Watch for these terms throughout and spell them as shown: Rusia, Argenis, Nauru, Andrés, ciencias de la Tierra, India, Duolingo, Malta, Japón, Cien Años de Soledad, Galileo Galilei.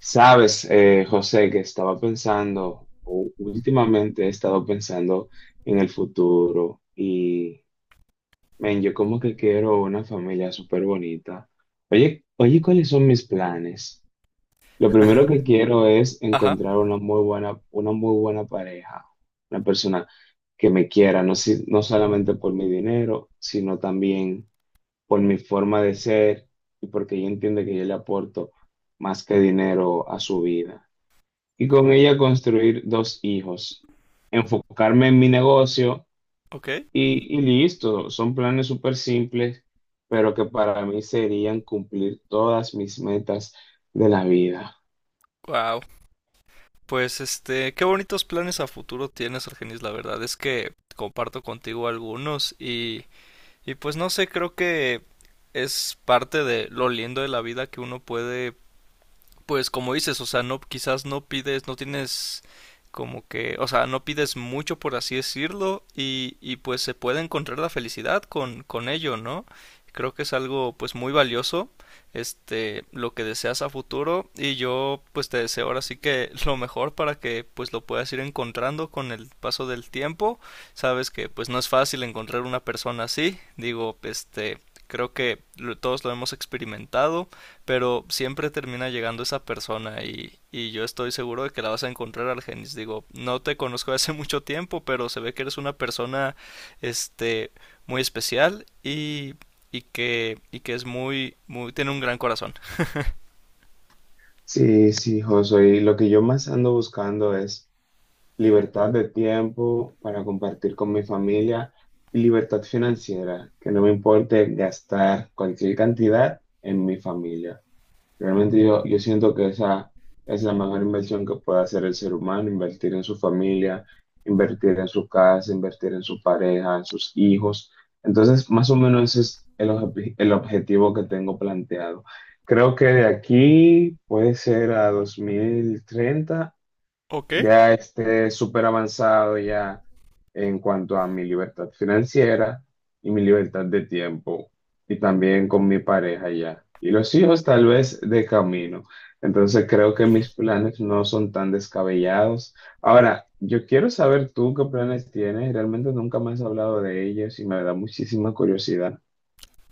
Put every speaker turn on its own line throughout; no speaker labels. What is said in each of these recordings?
Sabes, José, que estaba pensando, o últimamente he estado pensando en el futuro, men, yo como que quiero una familia súper bonita. Oye, ¿cuáles son mis planes? Lo primero
Ajá.
que quiero es
Ajá,
encontrar una muy buena pareja, una persona que me quiera, no solamente por mi dinero, sino también por mi forma de ser y porque ella entiende que yo le aporto más que dinero a su vida y con ella construir dos hijos, enfocarme en mi negocio
ok.
y listo. Son planes súper simples, pero que para mí serían cumplir todas mis metas de la vida.
Wow. Pues qué bonitos planes a futuro tienes, Argenis. La verdad es que comparto contigo algunos y pues no sé, creo que es parte de lo lindo de la vida que uno puede. Pues como dices, o sea, no, quizás no pides, no tienes como que, o sea, no pides mucho por así decirlo y pues se puede encontrar la felicidad con ello, ¿no? Creo que es algo pues muy valioso, lo que deseas a futuro y yo pues te deseo ahora sí que lo mejor para que pues lo puedas ir encontrando con el paso del tiempo. Sabes que pues no es fácil encontrar una persona así, digo, creo que todos lo hemos experimentado, pero siempre termina llegando esa persona y yo estoy seguro de que la vas a encontrar, Argenis. Digo, no te conozco hace mucho tiempo, pero se ve que eres una persona, este, muy especial y que es muy, muy, tiene un gran corazón.
Sí, sí, José, y lo que yo más ando buscando es libertad de tiempo para compartir con mi familia y libertad financiera, que no me importe gastar cualquier cantidad en mi familia. Realmente yo siento que esa es la mejor inversión que puede hacer el ser humano: invertir en su familia, invertir en su casa, invertir en su pareja, en sus hijos. Entonces, más o menos ese es el objetivo que tengo planteado. Creo que de aquí puede ser a 2030
Ok.
ya esté súper avanzado ya en cuanto a mi libertad financiera y mi libertad de tiempo y también con mi pareja ya. Y los hijos tal vez de camino. Entonces creo que
Ujú.
mis planes no son tan descabellados. Ahora, yo quiero saber tú qué planes tienes. Realmente nunca me has hablado de ellos y me da muchísima curiosidad.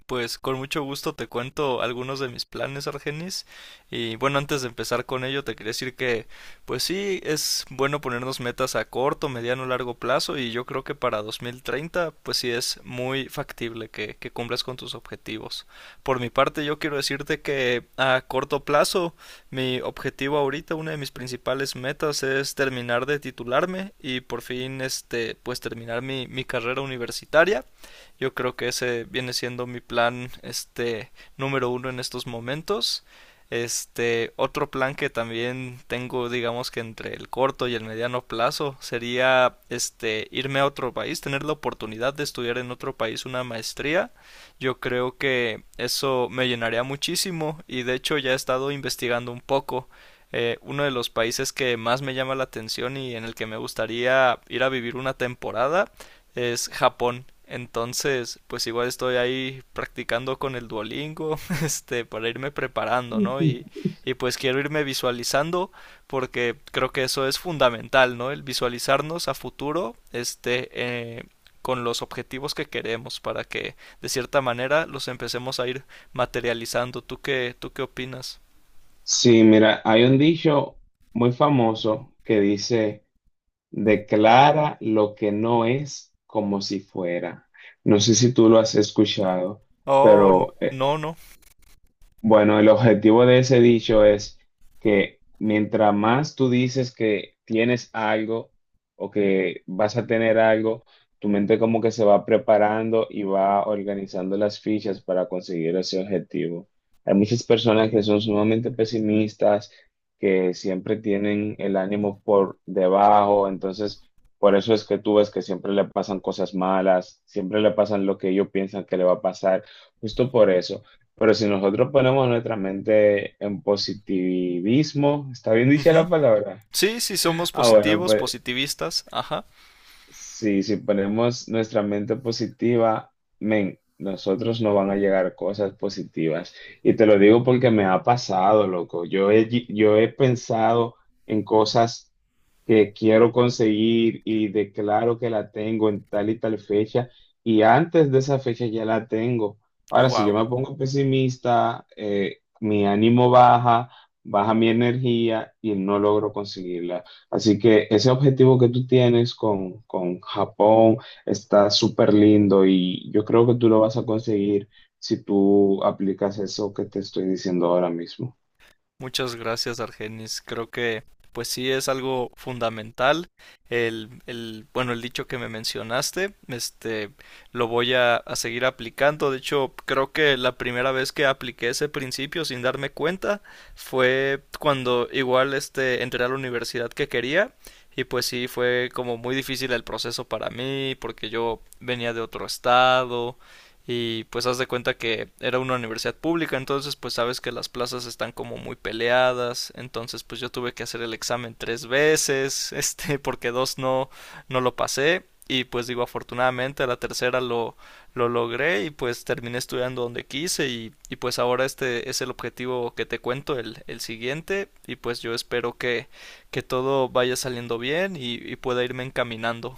Pues con mucho gusto te cuento algunos de mis planes, Argenis. Y bueno, antes de empezar con ello, te quería decir que, pues sí, es bueno ponernos metas a corto, mediano, largo plazo. Y yo creo que para 2030, pues sí es muy factible que cumplas con tus objetivos. Por mi parte, yo quiero decirte que a corto plazo, mi objetivo ahorita, una de mis principales metas es terminar de titularme y por fin, pues terminar mi carrera universitaria. Yo creo que ese viene siendo mi plan, número uno en estos momentos. Este, otro plan que también tengo, digamos que entre el corto y el mediano plazo, sería este irme a otro país, tener la oportunidad de estudiar en otro país una maestría. Yo creo que eso me llenaría muchísimo y de hecho ya he estado investigando un poco. Uno de los países que más me llama la atención y en el que me gustaría ir a vivir una temporada es Japón. Entonces, pues igual estoy ahí practicando con el Duolingo, este, para irme preparando, ¿no?
Ujú.
Y pues quiero irme visualizando porque creo que eso es fundamental, ¿no? El visualizarnos a futuro, con los objetivos que queremos para que de cierta manera los empecemos a ir materializando. ¿Tú qué opinas?
Sí, mira, hay un dicho muy famoso que dice... Declara lo que no es como si fuera. No sé si tú lo has escuchado,
Oh,
pero
no, no.
bueno, el objetivo de ese dicho es que mientras más tú dices que tienes algo o que vas a tener algo, tu mente como que se va preparando y va organizando las fichas para conseguir ese objetivo. Hay muchas personas que son sumamente pesimistas, que siempre tienen el ánimo por debajo, entonces por eso es que tú ves que siempre le pasan cosas malas, siempre le pasan lo que ellos piensan que le va a pasar, justo por eso. Pero si nosotros ponemos nuestra mente en positivismo, ¿está bien dicha
Ujú.
la palabra?
Sí, sí somos
Ah, bueno,
positivos,
pues
positivistas. Ajá.
sí, si ponemos nuestra mente positiva, men, nosotros nos van a llegar cosas positivas. Y te lo digo porque me ha pasado, loco. Yo he pensado en cosas que quiero conseguir y declaro que la tengo en tal y tal fecha y antes de esa fecha ya la tengo. Ahora, si yo
Wow.
me pongo pesimista, mi ánimo baja, baja mi energía y no logro conseguirla. Así que ese objetivo que tú tienes con Japón está súper lindo y yo creo que tú lo vas a conseguir si tú aplicas eso que te estoy diciendo ahora mismo.
Muchas gracias, Argenis. Creo que pues sí es algo fundamental. Bueno, el dicho que me mencionaste, lo voy a seguir aplicando. De hecho, creo que la primera vez que apliqué ese principio sin darme cuenta fue cuando igual este entré a la universidad que quería y pues sí fue como muy difícil el proceso para mí, porque yo venía de otro estado y pues haz de cuenta que era una universidad pública, entonces pues sabes que las plazas están como muy peleadas, entonces pues yo tuve que hacer el examen tres veces, este, porque dos no, no lo pasé, y pues digo afortunadamente a la tercera lo logré y pues terminé estudiando donde quise y pues ahora este es el objetivo que te cuento el siguiente y pues yo espero que todo vaya saliendo bien y pueda irme encaminando.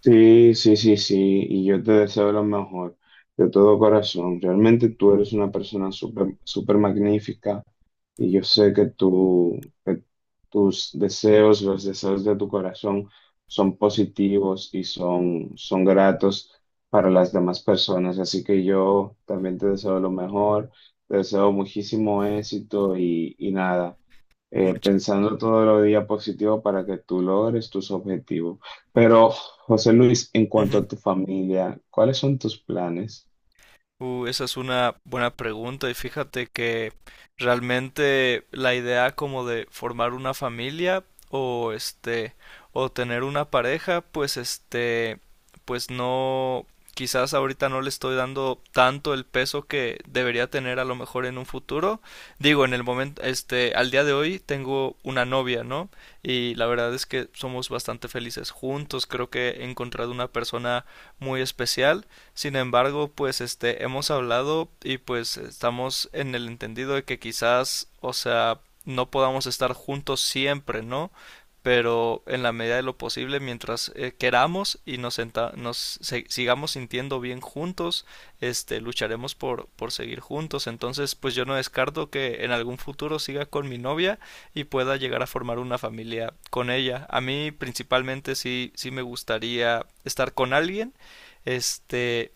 Sí, sí, sí, sí, y yo te deseo lo mejor de todo corazón. Realmente tú eres una persona súper, súper magnífica y yo sé que tus deseos, los deseos de tu corazón son positivos y son gratos para las demás personas. Así que yo también te deseo lo mejor, te deseo muchísimo éxito y nada,
Much-
pensando todos los días positivo para que tú logres tus objetivos. Pero, José Luis, en cuanto
Ujú.
a tu familia, ¿cuáles son tus planes?
Esa es una buena pregunta y fíjate que realmente la idea como de formar una familia o este o tener una pareja, pues este pues no, quizás ahorita no le estoy dando tanto el peso que debería tener a lo mejor en un futuro. Digo, en el momento este al día de hoy tengo una novia, ¿no? Y la verdad es que somos bastante felices juntos, creo que he encontrado una persona muy especial. Sin embargo, pues este hemos hablado y pues estamos en el entendido de que quizás, o sea, no podamos estar juntos siempre, ¿no? Pero en la medida de lo posible, mientras queramos y nos, senta- nos se- sigamos sintiendo bien juntos, lucharemos por seguir juntos. Entonces, pues yo no descarto que en algún futuro siga con mi novia y pueda llegar a formar una familia con ella. A mí principalmente sí, sí me gustaría estar con alguien, este,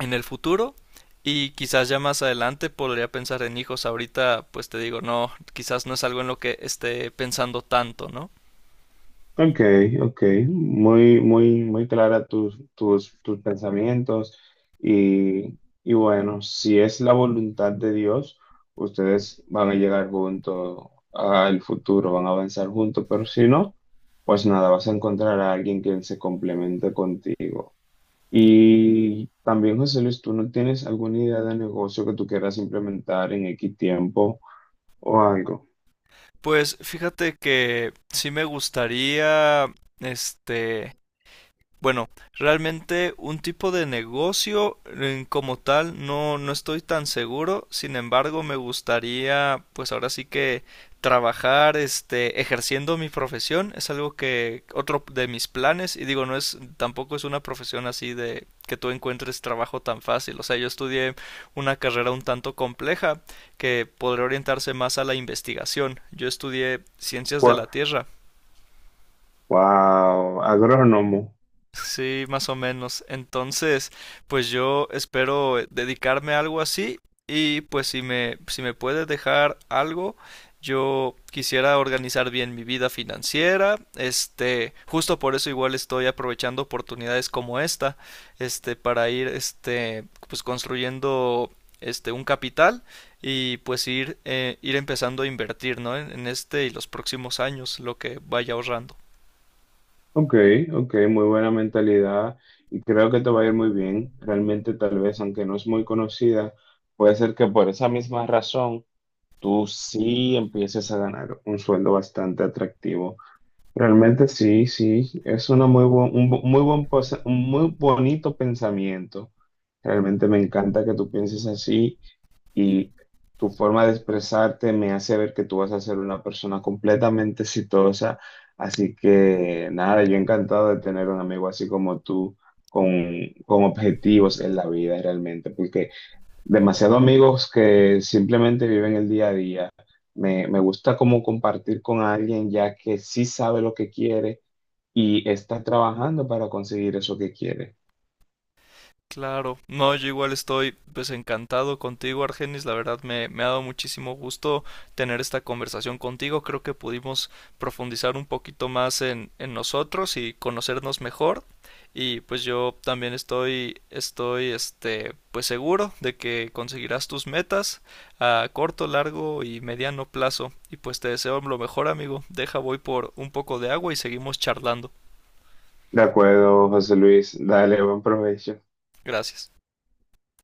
en el futuro y quizás ya más adelante podría pensar en hijos. Ahorita, pues te digo, no, quizás no es algo en lo que esté pensando tanto, ¿no?
Ok, ok, muy clara tus pensamientos y, y bueno, si es la voluntad de Dios, ustedes van a llegar juntos al futuro, van a avanzar juntos, pero si no, pues nada, vas a encontrar a alguien que se complemente contigo. Y también, José Luis, ¿tú no tienes alguna idea de negocio que tú quieras implementar en X tiempo o algo?
Pues fíjate que sí me gustaría, este, bueno, realmente un tipo de negocio como tal no, no estoy tan seguro. Sin embargo, me gustaría, pues ahora sí que trabajar, ejerciendo mi profesión. Es algo que otro de mis planes. Y digo, no es, tampoco es una profesión así de que tú encuentres trabajo tan fácil. O sea, yo estudié una carrera un tanto compleja que podría orientarse más a la investigación. Yo estudié ciencias de la
Gua-
Tierra.
Wow, agrónomo.
Sí, más o menos. Entonces, pues yo espero dedicarme a algo así y pues si me puedes dejar algo, yo quisiera organizar bien mi vida financiera. Este, justo por eso igual estoy aprovechando oportunidades como esta, para ir, pues construyendo, un capital y pues ir empezando a invertir, ¿no? En este y los próximos años, lo que vaya ahorrando.
Ok, ok, muy buena mentalidad y creo que te va a ir muy bien. Realmente, tal vez, aunque no es muy conocida, puede ser que por esa misma razón tú sí empieces a ganar un sueldo bastante atractivo. Realmente sí, sí, es una muy un muy bonito pensamiento. Realmente me encanta que tú pienses así y tu forma de expresarte me hace ver que tú vas a ser una persona completamente exitosa. Así que nada, yo encantado de tener un amigo así como tú, con objetivos en la vida realmente, porque demasiados amigos que simplemente viven el día a día. Me gusta como compartir con alguien ya que sí sabe lo que quiere y está trabajando para conseguir eso que quiere.
Claro, no, yo igual estoy pues encantado contigo, Argenis, la verdad me ha dado muchísimo gusto tener esta conversación contigo, creo que pudimos profundizar un poquito más en nosotros y conocernos mejor y pues yo también estoy este pues seguro de que conseguirás tus metas a corto, largo y mediano plazo y pues te deseo lo mejor, amigo, deja voy por un poco de agua y seguimos charlando.
De acuerdo, José Luis. Dale, buen provecho.
Gracias.